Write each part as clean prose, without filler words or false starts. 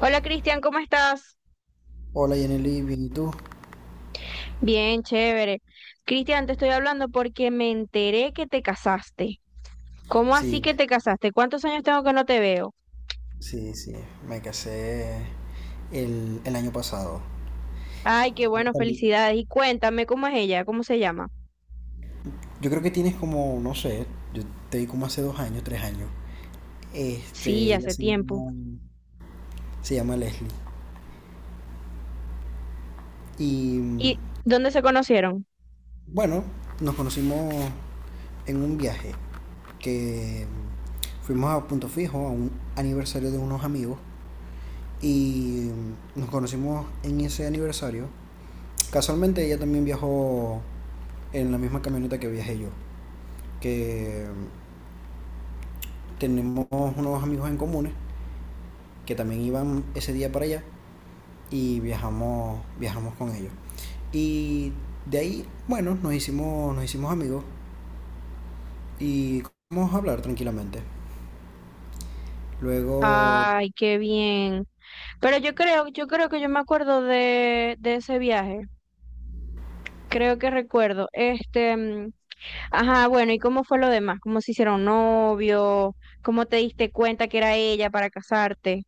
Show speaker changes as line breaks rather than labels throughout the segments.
Hola Cristian, ¿cómo estás?
Hola Yaneli, bien, ¿y tú?
Bien, chévere. Cristian, te estoy hablando porque me enteré que te casaste. ¿Cómo así
Sí,
que te casaste? ¿Cuántos años tengo que no te veo?
sí, sí, me casé el año pasado.
Ay, qué bueno,
Salí.
felicidades. Y cuéntame, ¿cómo es ella? ¿Cómo se llama?
Yo creo que tienes como, no sé, yo te di como hace 2 años, 3 años.
Sí,
Este,
ya hace tiempo.
se llama Leslie. Y
¿Y dónde se conocieron?
bueno, nos conocimos en un viaje que fuimos a Punto Fijo, a un aniversario de unos amigos. Y nos conocimos en ese aniversario. Casualmente ella también viajó en la misma camioneta que viajé yo, que tenemos unos amigos en comunes que también iban ese día para allá y viajamos con ellos. Y de ahí, bueno, nos hicimos amigos y comenzamos a hablar tranquilamente. Luego,
Ay, qué bien. Pero yo creo que yo me acuerdo de ese viaje. Creo que recuerdo. Este, ajá, bueno, ¿y cómo fue lo demás? ¿Cómo se hicieron novio? ¿Cómo te diste cuenta que era ella para casarte?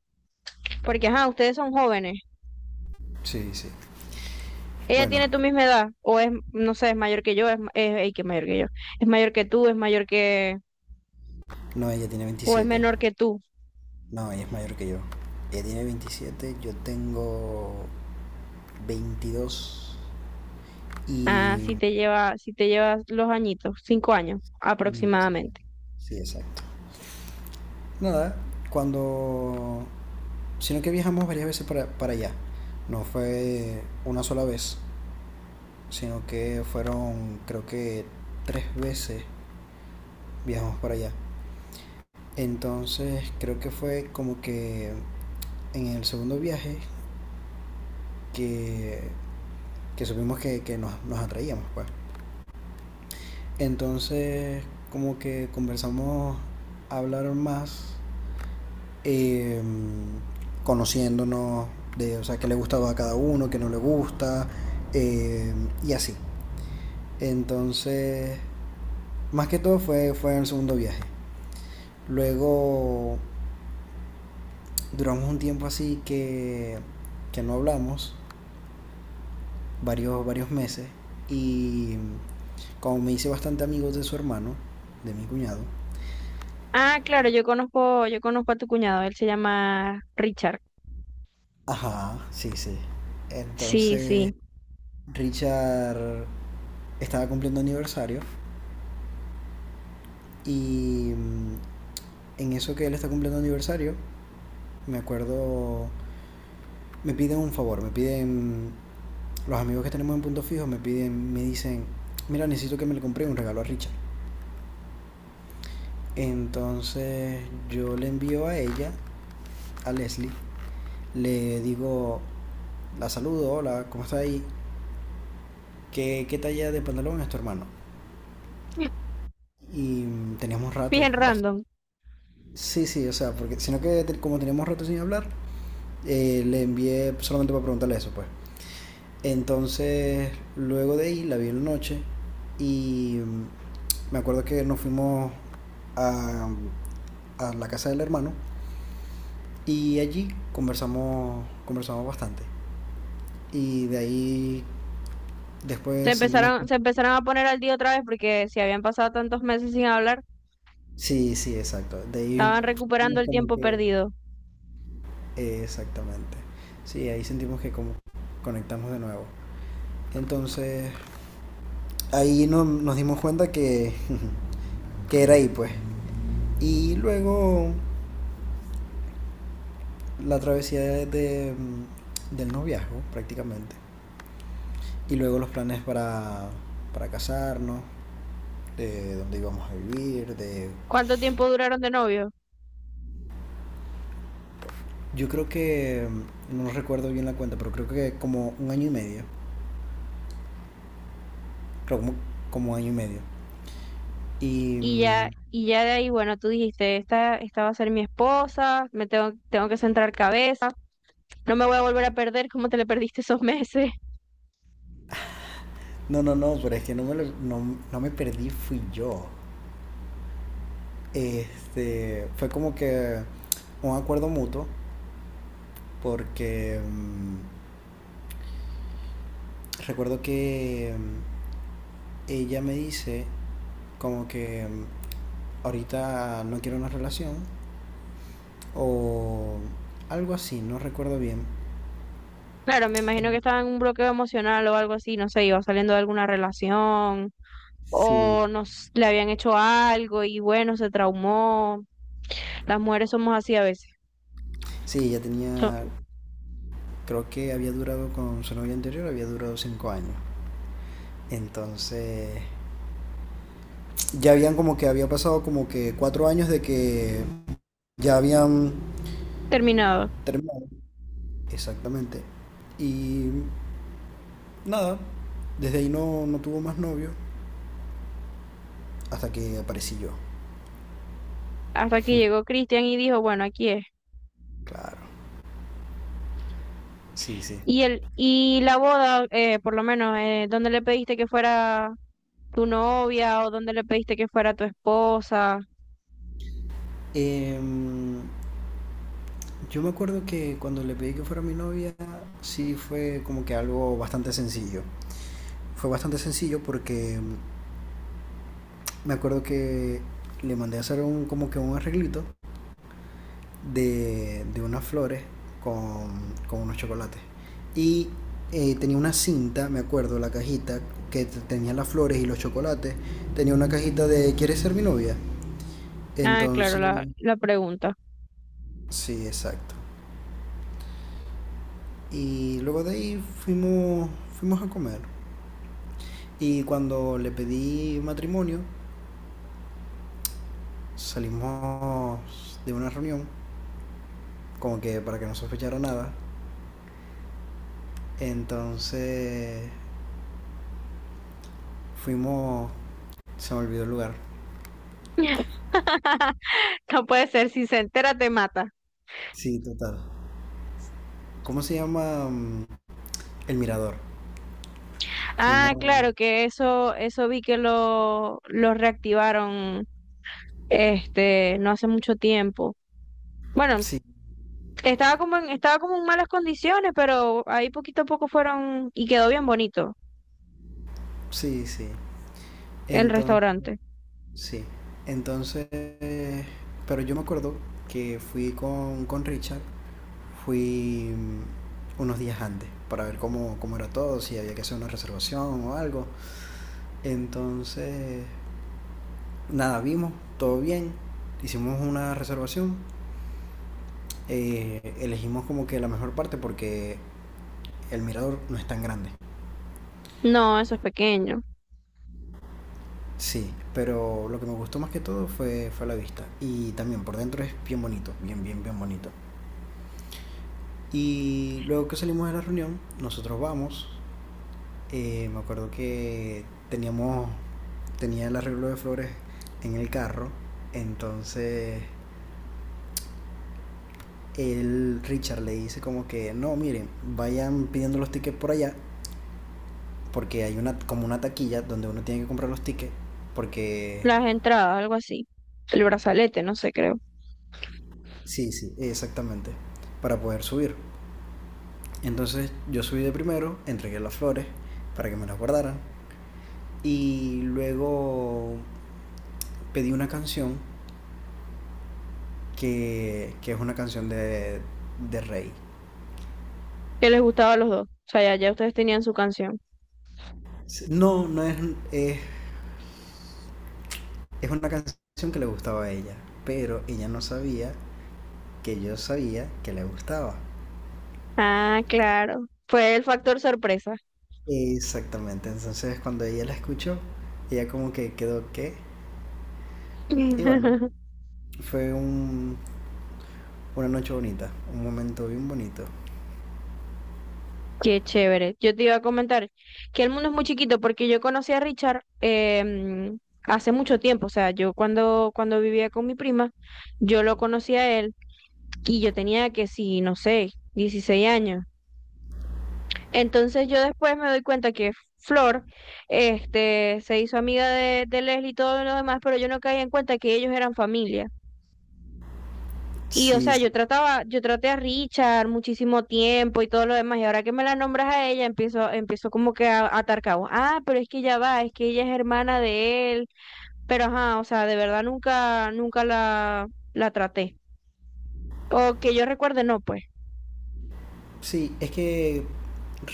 Porque, ajá, ustedes son jóvenes.
sí, sí.
¿Ella
Bueno,
tiene tu misma edad? ¿O es, no sé, es mayor que yo? ¿Es ey, que es mayor que yo? ¿Es mayor que tú? ¿Es mayor que
no, ella tiene
o es
27.
menor que tú?
No, ella es mayor que yo. Ella tiene veintisiete, yo tengo 22
Ah,
y...
si te llevas los añitos, 5 años
y yo 50.
aproximadamente.
Sí, exacto. Nada, cuando... Sino que viajamos varias veces para allá. No fue una sola vez, sino que fueron creo que 3 veces viajamos para allá. Entonces creo que fue como que en el segundo viaje que, que supimos que nos atraíamos. Pues. Entonces como que conversamos a hablar más eh, conociéndonos de, o sea, qué le gustaba a cada uno, qué no le gusta, eh, y así. Entonces, más que todo fue en el segundo viaje. Luego duramos un tiempo así que no hablamos, varios meses, y como me hice bastante amigo de su hermano, de mi cuñado,
Ah, claro, yo conozco a tu cuñado, él se llama Richard.
ajá, sí, sí.
Sí, sí.
Entonces, Richard estaba cumpliendo aniversario. Y en eso que él está cumpliendo aniversario, me acuerdo, me piden un favor, me piden, los amigos que tenemos en Punto Fijo me piden, me dicen, mira, necesito que me le compre un regalo a Richard. Entonces yo le envío a ella, a Leslie, le digo, la saludo, hola, ¿cómo está ahí? ¿Qué, qué talla de pantalón es tu hermano? Y teníamos rato,
Bien
bast-
random.
Sí, sí, o sea, porque sino que como teníamos rato sin hablar, le envié solamente para preguntarle eso, pues. Entonces, luego de ahí la vi en la noche y me acuerdo que nos fuimos a, a la casa del hermano y allí conversamos bastante. Y de ahí
Se
después sentimos...
empezaron, se empezaron a poner al día otra vez porque si habían pasado tantos meses sin hablar,
Sí, sí, exacto. De ahí
estaban recuperando
sentimos
el
como
tiempo
que...
perdido.
Exactamente. Sí, ahí sentimos que como conectamos de nuevo. Entonces, ahí nos dimos cuenta que, que era ahí, pues. Y luego la travesía del noviazgo prácticamente y luego los planes para casarnos, de dónde íbamos a vivir, de...
¿Cuánto tiempo duraron de novio?
Yo creo que, no recuerdo bien la cuenta, pero creo que como un año y medio, creo como, como año y medio. Y...
Y ya, y ya de ahí, bueno, tú dijiste, esta va a ser mi esposa, tengo que centrar cabeza, no me voy a volver a perder como te le perdiste esos meses.
No, pero es que no me, no, no me perdí, fui yo. Este, fue como que un acuerdo mutuo, porque recuerdo que ella me dice como que ahorita no quiero una relación o algo así, no recuerdo bien.
Claro, me imagino que
En-
estaba en un bloqueo emocional o algo así, no sé, iba saliendo de alguna relación o
Sí.
nos le habían hecho algo y bueno, se traumó. Las mujeres somos así a veces.
Sí, ya tenía,
So-
creo que había durado con su novia anterior, había durado 5 años. Entonces, ya habían como que había pasado como que 4 años de que ya habían
Terminado.
terminado. Exactamente. Y nada, desde ahí no, no tuvo más novio hasta que aparecí yo.
Hasta que llegó Cristian y dijo, bueno, aquí es.
Claro, sí, sí.
Y el y la boda, por lo menos, ¿dónde le pediste que fuera tu novia o dónde le pediste que fuera tu esposa?
Em, Yo me acuerdo que cuando le pedí que fuera mi novia, sí fue como que algo bastante sencillo. Fue bastante sencillo porque me acuerdo que le mandé a hacer un, como que un arreglito de unas flores con, con unos chocolates. Y tenía una cinta, me acuerdo, la cajita que tenía las flores y los chocolates. Tenía una cajita de ¿Quieres ser mi novia?
Ah, claro,
Entonces,
la pregunta.
sí, exacto. Y luego de ahí fuimos a comer. Y cuando le pedí matrimonio, salimos de una reunión, como que para que no sospechara nada. Entonces fuimos, se me olvidó el lugar.
No puede ser, si se entera te mata.
Sí, total. ¿Cómo se llama? El Mirador.
Ah,
Fuimos,
claro, que eso vi que lo reactivaron este, no hace mucho tiempo. Bueno,
sí,
estaba como en malas condiciones, pero ahí poquito a poco fueron y quedó bien bonito.
sí, sí.
El
Entonces,
restaurante.
sí. Entonces, pero yo me acuerdo que fui con Richard, fui unos días antes para ver cómo, cómo era todo, si había que hacer una reservación o algo. Entonces, nada, vimos, todo bien, hicimos una reservación, elegimos como que la mejor parte porque el mirador no es tan grande.
No, eso es pequeño.
Sí, pero lo que me gustó más que todo fue la vista. Y también por dentro es bien bonito, bien bonito. Y luego que salimos de la reunión, nosotros vamos. Me acuerdo que teníamos, tenía el arreglo de flores en el carro. Entonces el Richard le dice como que, no, miren, vayan pidiendo los tickets por allá, porque hay una como una taquilla donde uno tiene que comprar los tickets, porque...
Las entradas, algo así. El brazalete, no sé, creo.
Sí, sí, exactamente, para poder subir. Entonces yo subí de primero, entregué las flores para que me las guardaran y luego pedí una canción que es una canción de Rey.
Que les gustaba a los dos. O sea, ya, ya ustedes tenían su canción.
No, no es, es, es una canción que le gustaba a ella, pero ella no sabía que yo sabía que le gustaba.
Ah, claro. Fue el factor sorpresa.
Exactamente, entonces cuando ella la escuchó, ella como que quedó que... Y bueno, fue un, una noche bonita, un momento bien bonito.
Qué chévere. Yo te iba a comentar que el mundo es muy chiquito porque yo conocí a Richard hace mucho tiempo. O sea, yo cuando vivía con mi prima, yo lo conocí a él y yo tenía que, sí, no sé, 16 años. Entonces yo después me doy cuenta que Flor, este, se hizo amiga de Leslie y todo lo demás, pero yo no caía en cuenta que ellos eran familia. Y o
Sí,
sea,
sí,
yo traté a Richard muchísimo tiempo y todo lo demás, y ahora que me la nombras a ella, empiezo como que a atar cabos. Ah, pero es que ya va, es que ella es hermana de él. Pero ajá, o sea, de verdad nunca, nunca la traté. O que yo recuerde, no, pues.
sí, es que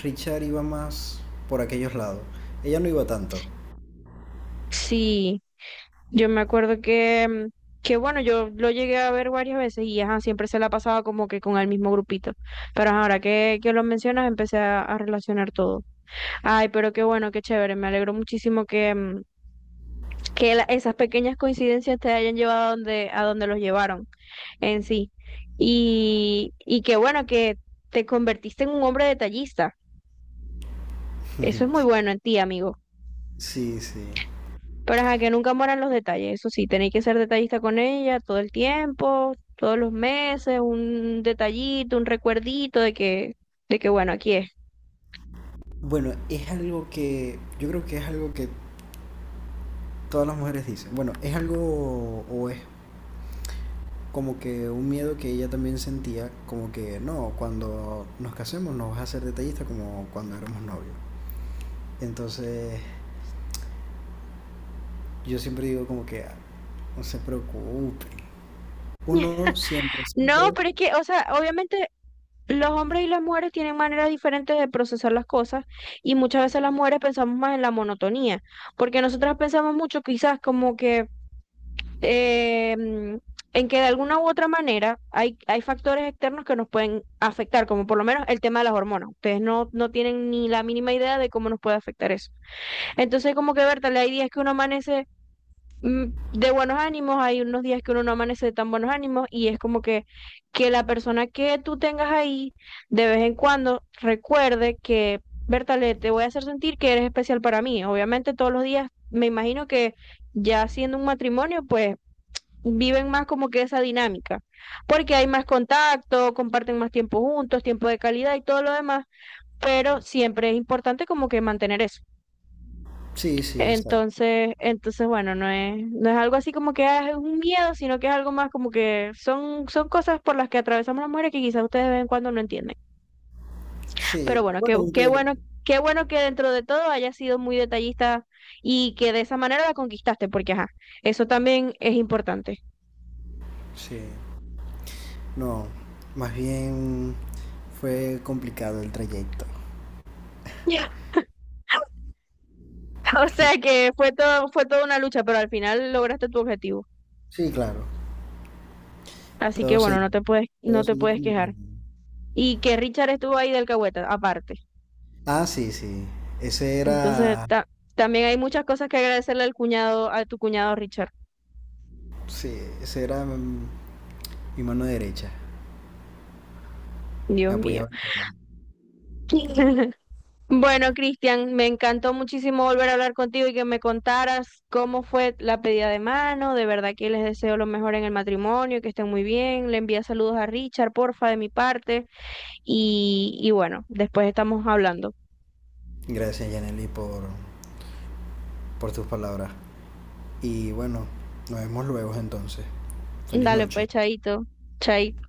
Richard iba más por aquellos lados, ella no iba tanto.
Sí. Yo me acuerdo que bueno, yo lo llegué a ver varias veces y ajá, siempre se la pasaba como que con el mismo grupito. Pero ajá, ahora que lo mencionas, empecé a relacionar todo. Ay, pero qué bueno, qué chévere. Me alegro muchísimo que esas pequeñas coincidencias te hayan llevado a donde los llevaron en sí. Y qué bueno que te convertiste en un hombre detallista. Eso es muy bueno en ti, amigo.
Sí, sí.
Pero ajá, que nunca mueran los detalles. Eso sí, tenéis que ser detallista con ella todo el tiempo, todos los meses, un detallito, un recuerdito de que bueno, aquí es.
Bueno, es algo que yo creo que es algo que todas las mujeres dicen. Bueno, es algo o es como que un miedo que ella también sentía, como que no, cuando nos casemos no vas a ser detallista como cuando éramos novios. Entonces yo siempre digo como que "Ah, no se preocupe. Uno siempre,
No,
siempre.
pero es que, o sea, obviamente los hombres y las mujeres tienen maneras diferentes de procesar las cosas y muchas veces las mujeres pensamos más en la monotonía, porque nosotras pensamos mucho quizás como que eh, mm, en que de alguna u otra manera hay factores externos que nos pueden afectar, como por lo menos el tema de las hormonas. Ustedes no tienen ni la mínima idea de cómo nos puede afectar eso. Entonces, como que, Berta, hay días que uno amanece mm, de buenos ánimos, hay unos días que uno no amanece de tan buenos ánimos y es como que la persona que tú tengas ahí, de vez en cuando, recuerde que. Bertale, te voy a hacer sentir que eres especial para mí. Obviamente todos los días, me imagino que ya siendo un matrimonio, pues viven más como que esa dinámica, porque hay más contacto, comparten más tiempo juntos, tiempo de calidad y todo lo demás, pero siempre es importante como que mantener eso.
Sí, sí, exacto.
Entonces bueno, no es algo así como que es un miedo, sino que es algo más como que son cosas por las que atravesamos las mujeres que quizás ustedes de vez en cuando no entienden. Pero
Sí,
bueno, qué,
bueno,
qué
aunque
bueno, qué bueno que dentro de todo hayas sido muy detallista y que de esa manera la conquistaste, porque ajá, eso también es importante.
sí, no, más bien fue complicado el trayecto.
O sea que fue toda una lucha, pero al final lograste tu objetivo.
Sí, claro,
Así que
todo se
bueno, no
dio,
te puedes,
todo
no te
se dio
puedes
como
quejar.
planeado.
Y que Richard estuvo ahí del alcahueta, aparte.
Ah, sí, ese
Entonces,
era,
también hay muchas cosas que agradecerle al cuñado, a tu cuñado Richard.
sí, ese era mi mano derecha.
Dios
Me
mío.
apoyaba en todo.
Bueno, Cristian, me encantó muchísimo volver a hablar contigo y que me contaras cómo fue la pedida de mano. De verdad que les deseo lo mejor en el matrimonio, que estén muy bien. Le envía saludos a Richard, porfa, de mi parte. Y bueno, después estamos hablando.
Gracias, Yaneli, por tus palabras. Y bueno, nos vemos luego entonces. Feliz
Dale,
noche.
pues, chaito, chaito.